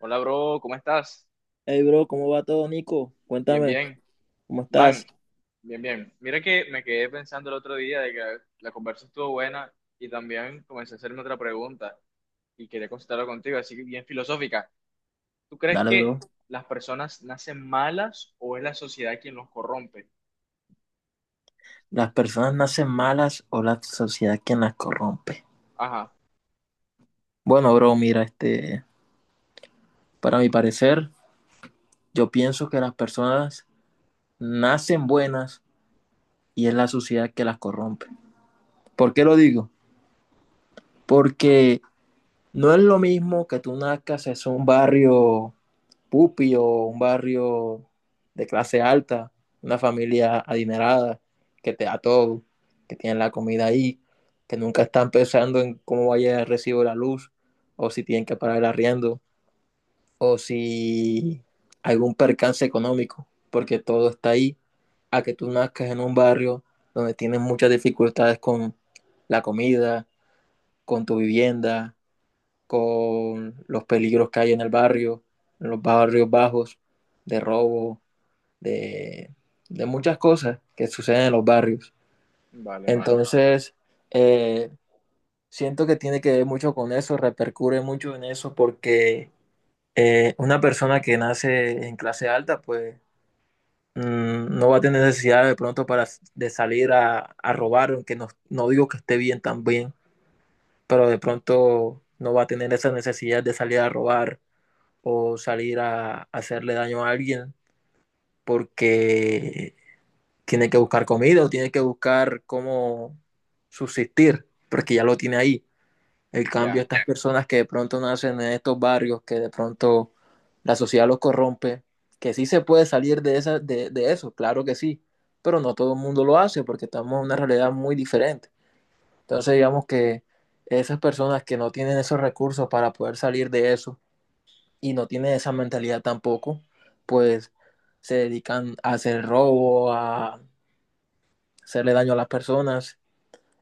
Hola, bro, ¿cómo estás? Hey, bro, ¿cómo va todo, Nico? Bien, Cuéntame, bien. ¿cómo Man, estás? bien, bien. Mira que me quedé pensando el otro día de que la conversa estuvo buena y también comencé a hacerme otra pregunta y quería consultarlo contigo, así que bien filosófica. ¿Tú crees Dale, bro. que las personas nacen malas o es la sociedad quien los corrompe? ¿Las personas nacen malas o la sociedad quien las corrompe? Ajá, Bueno, bro, mira, para mi parecer, yo pienso que las personas nacen buenas y es la sociedad que las corrompe. ¿Por qué lo digo? Porque No es lo mismo que tú nazcas en un barrio pupi o un barrio de clase alta, una familia adinerada, que te da todo, que tienen la comida ahí, que nunca están pensando en cómo vaya el recibo de la luz, o si tienen que pagar el arriendo, o si algún percance económico, porque todo está ahí, a que tú nazcas en un barrio donde tienes muchas dificultades con la comida, con tu vivienda, con los peligros que hay en el barrio, en los barrios bajos, de robo, de, de muchas cosas que suceden en los barrios. vale, vale. Entonces, eh, siento que tiene que ver mucho con eso, repercute mucho en eso, porque una persona que nace en clase alta, pues no va a tener necesidad de pronto de salir a robar, aunque no, no digo que esté bien también, pero de pronto no va a tener esa necesidad de salir a robar o salir a hacerle daño a alguien porque tiene que buscar comida o tiene que buscar cómo subsistir, porque ya lo tiene ahí. El cambio, Ya, estas personas que de pronto nacen en estos barrios, que de pronto la sociedad los corrompe, que sí se puede salir de eso, claro que sí, pero no todo el mundo lo hace porque estamos en una realidad muy diferente. Entonces digamos que esas personas que no tienen esos recursos para poder salir de eso, y no tienen esa mentalidad tampoco, pues se dedican a hacer robo, a hacerle daño a las personas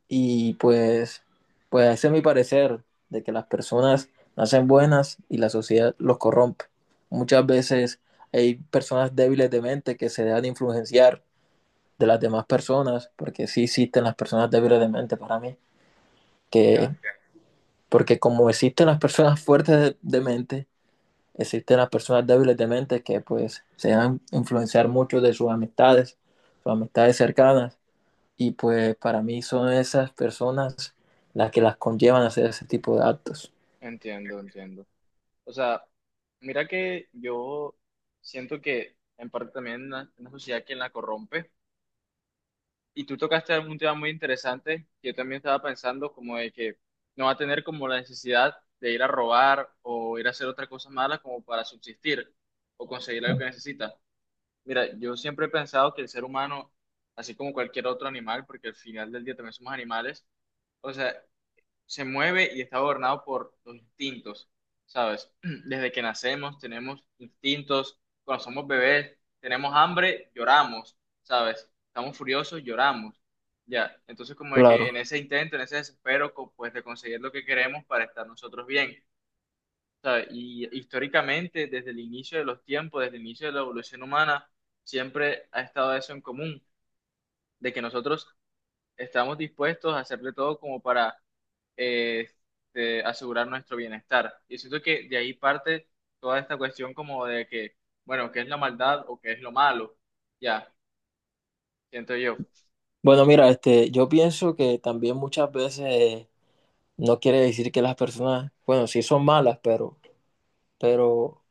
y pues, pues ese es mi parecer de que las personas nacen buenas y la sociedad los corrompe. Muchas veces hay personas débiles de mente que se dejan influenciar de las demás personas, porque sí existen las personas débiles de mente para mí, que ya. porque como existen las personas fuertes de mente, existen las personas débiles de mente que pues se dejan influenciar mucho de sus amistades cercanas, y pues para mí son esas personas las que las conllevan a hacer ese tipo de actos. Entiendo, entiendo. O sea, mira que yo siento que en parte también la sociedad quien la corrompe. Y tú tocaste un tema muy interesante que yo también estaba pensando, como de que no va a tener como la necesidad de ir a robar o ir a hacer otra cosa mala como para subsistir o conseguir algo que necesita. Mira, yo siempre he pensado que el ser humano, así como cualquier otro animal, porque al final del día también somos animales, o sea, se mueve y está gobernado por los instintos, ¿sabes? Desde que nacemos tenemos instintos, cuando somos bebés tenemos hambre, lloramos, ¿sabes? Estamos furiosos, lloramos, ya. Entonces como de que Claro. en ese intento, en ese desespero, pues de conseguir lo que queremos para estar nosotros bien, ¿sabes? Y históricamente, desde el inicio de los tiempos, desde el inicio de la evolución humana, siempre ha estado eso en común, de que nosotros estamos dispuestos a hacer de todo como para este, asegurar nuestro bienestar. Y siento que de ahí parte toda esta cuestión como de que, bueno, ¿qué es la maldad o qué es lo malo? Ya, siento yo, Bueno, mira, yo pienso que también muchas veces no quiere decir que las personas, bueno, sí son malas, pero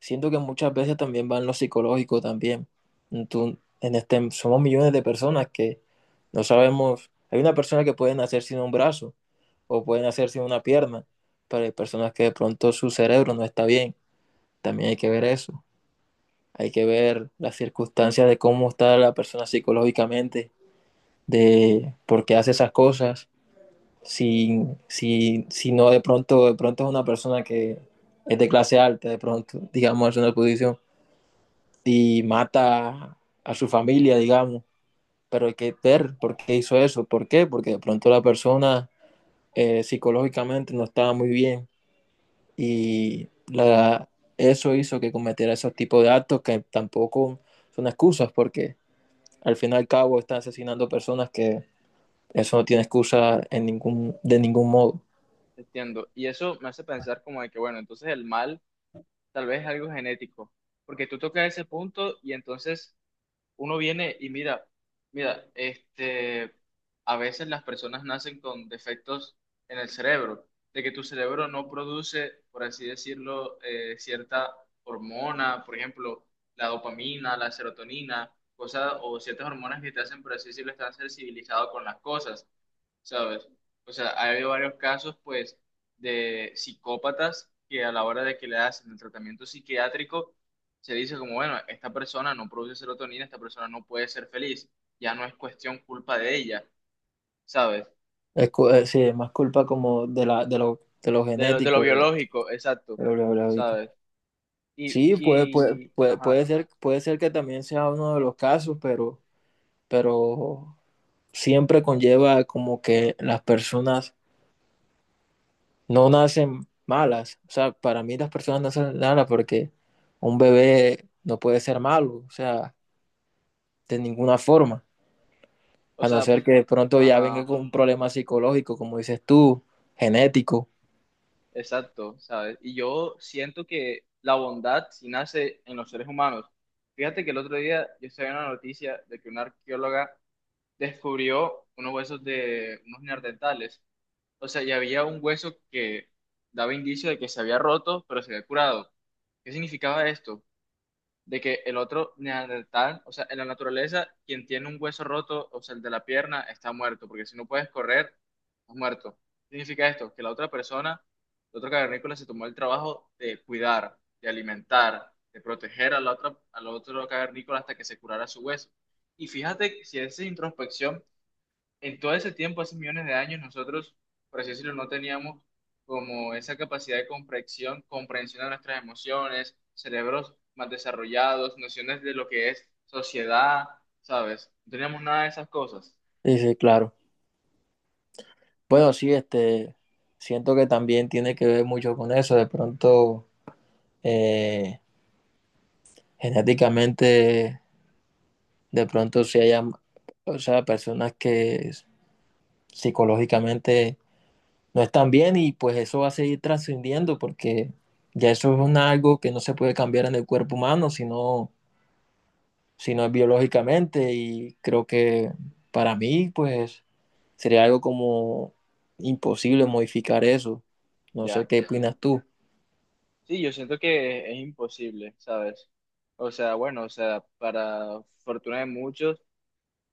siento que muchas veces también va en lo psicológico también. En este, somos millones de personas que no sabemos, hay una persona que puede nacer sin un brazo o puede nacer sin una pierna, pero hay personas que de pronto su cerebro no está bien. También hay que ver eso. Hay que ver las circunstancias de cómo está la persona psicológicamente, de por qué hace esas cosas. Si no de pronto, de pronto es una persona que es de clase alta, de pronto, digamos, es una posición y mata a su familia, digamos. Pero hay que ver por qué hizo eso, por qué, porque de pronto la persona psicológicamente no estaba muy bien y la, eso hizo que cometiera esos tipos de actos que tampoco son excusas, porque al fin y al cabo están asesinando personas que eso no tiene excusa en ningún, de ningún modo. entiendo. Y eso me hace pensar como de que, bueno, entonces el mal tal vez es algo genético, porque tú tocas ese punto y entonces uno viene y mira, mira, este, a veces las personas nacen con defectos en el cerebro, de que tu cerebro no produce, por así decirlo, cierta hormona, por ejemplo, la dopamina, la serotonina, cosas o ciertas hormonas que te hacen, por así decirlo, estar sensibilizado con las cosas. ¿Sabes? O sea, ha habido varios casos, pues, de psicópatas que a la hora de que le hacen el tratamiento psiquiátrico, se dice como, bueno, esta persona no produce serotonina, esta persona no puede ser feliz, ya no es cuestión culpa de ella, ¿sabes? Es, sí, es más culpa como de lo De lo genético, biológico, exacto, de lo de... ¿sabes? Y, Sí, y, ajá, puede ser que también sea uno de los casos, pero siempre conlleva como que las personas no nacen malas. O sea, para mí las personas nacen malas porque un bebé no puede ser malo, o sea, de ninguna forma, o a no sea, ser que de pronto ya venga ajá, con un problema psicológico, como dices tú, genético. exacto, ¿sabes? Y yo siento que la bondad sí nace en los seres humanos. Fíjate que el otro día yo estaba en una noticia de que una arqueóloga descubrió unos huesos de unos neandertales. O sea, ya había un hueso que daba indicio de que se había roto, pero se había curado. ¿Qué significaba esto? De que el otro neandertal, o sea, en la naturaleza, quien tiene un hueso roto, o sea, el de la pierna, está muerto, porque si no puedes correr, estás muerto. ¿Qué significa esto? Que la otra persona, el otro cavernícola, se tomó el trabajo de cuidar, de alimentar, de proteger a la otra, al otro cavernícola hasta que se curara su hueso. Y fíjate que si haces introspección, en todo ese tiempo, hace millones de años, nosotros, por así decirlo, no teníamos como esa capacidad de comprensión, comprensión de nuestras emociones, cerebros más desarrollados, nociones de lo que es sociedad, ¿sabes? No teníamos nada de esas cosas. Dice, claro. Bueno, sí, siento que también tiene que ver mucho con eso, de pronto... eh, genéticamente de pronto si haya, o sea, personas que psicológicamente no están bien y pues eso va a seguir trascendiendo porque ya eso es una, algo que no se puede cambiar en el cuerpo humano, sino es biológicamente y creo que para mí pues sería algo como imposible modificar eso. No sé Ya, qué opinas ya. tú. Sí, yo siento que es imposible, ¿sabes? O sea, bueno, o sea, para fortuna de muchos,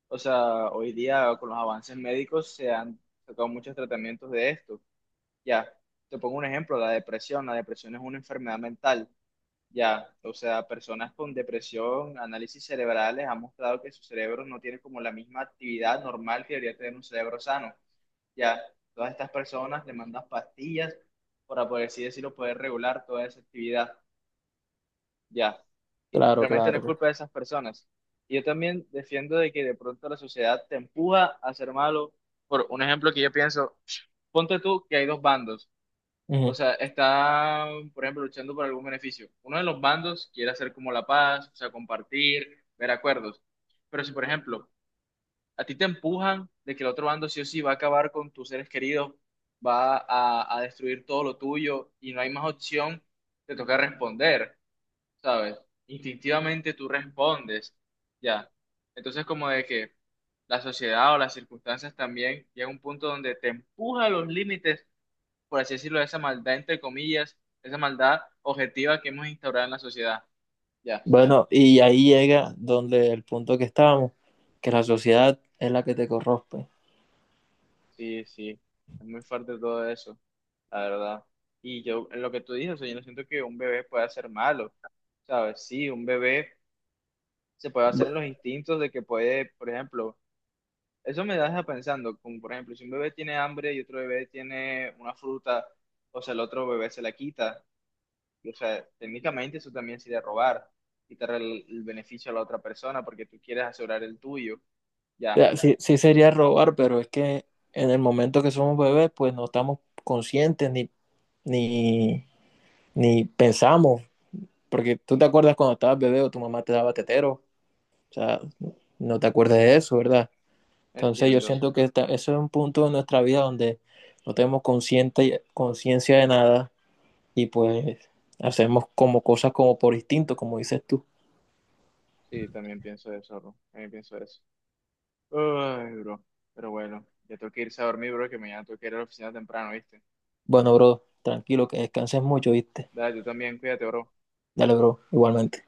o sea, hoy día con los avances médicos se han sacado muchos tratamientos de esto. Ya, te pongo un ejemplo, la depresión. La depresión es una enfermedad mental. Ya, o sea, personas con depresión, análisis cerebrales han mostrado que su cerebro no tiene como la misma actividad normal que debería tener un cerebro sano. Ya, todas estas personas demandan pastillas para, por así decirlo, poder regular toda esa actividad. Ya, y Claro, realmente no claro. es culpa de esas personas. Y yo también defiendo de que de pronto la sociedad te empuja a ser malo. Por un ejemplo que yo pienso, ponte tú que hay dos bandos, o Ujú. sea, está, por ejemplo, luchando por algún beneficio. Uno de los bandos quiere hacer como la paz, o sea, compartir, ver acuerdos. Pero si, por ejemplo, a ti te empujan de que el otro bando sí o sí va a acabar con tus seres queridos, va a destruir todo lo tuyo y no hay más opción, te toca responder, ¿sabes? Instintivamente tú respondes, ya. Entonces, como de que la sociedad o las circunstancias también llega a un punto donde te empuja a los límites, por así decirlo, esa maldad, entre comillas, esa maldad objetiva que hemos instaurado en la sociedad. Ya, Bueno, y ahí llega donde el punto que estábamos, que la sociedad es la que te corrompe. O sí, sí, es muy fuerte todo eso, la verdad. Y yo, en lo que tú dices, o sea, yo no siento que un bebé pueda ser malo, ¿sabes? Sí, un bebé se puede hacer en los instintos de que puede, por ejemplo, eso me deja pensando, como por ejemplo, si un bebé tiene hambre y otro bebé tiene una fruta, o sea, el otro bebé se la quita. O sea, técnicamente eso también sería robar, quitar el beneficio a la otra persona porque tú quieres asegurar el tuyo. Ya, sea, sí, sí sería robar, pero es que en el momento que somos bebés, pues no estamos conscientes ni, ni pensamos, porque tú te acuerdas cuando estabas bebé o tu mamá te daba tetero, o sea, no te acuerdas de eso, ¿verdad? Entonces yo entiendo. siento que eso es un punto de nuestra vida donde no tenemos consciente, conciencia de nada y pues hacemos como cosas como por instinto, como dices tú. Sí, también pienso eso, bro. También pienso eso. Ay, bro. Pero bueno, ya tengo que irse a dormir, bro, que mañana tengo que ir a la oficina temprano, ¿viste? Bueno, bro, tranquilo, que descanses mucho, ¿viste? Dale, tú también, cuídate, bro. Dale, bro, igualmente.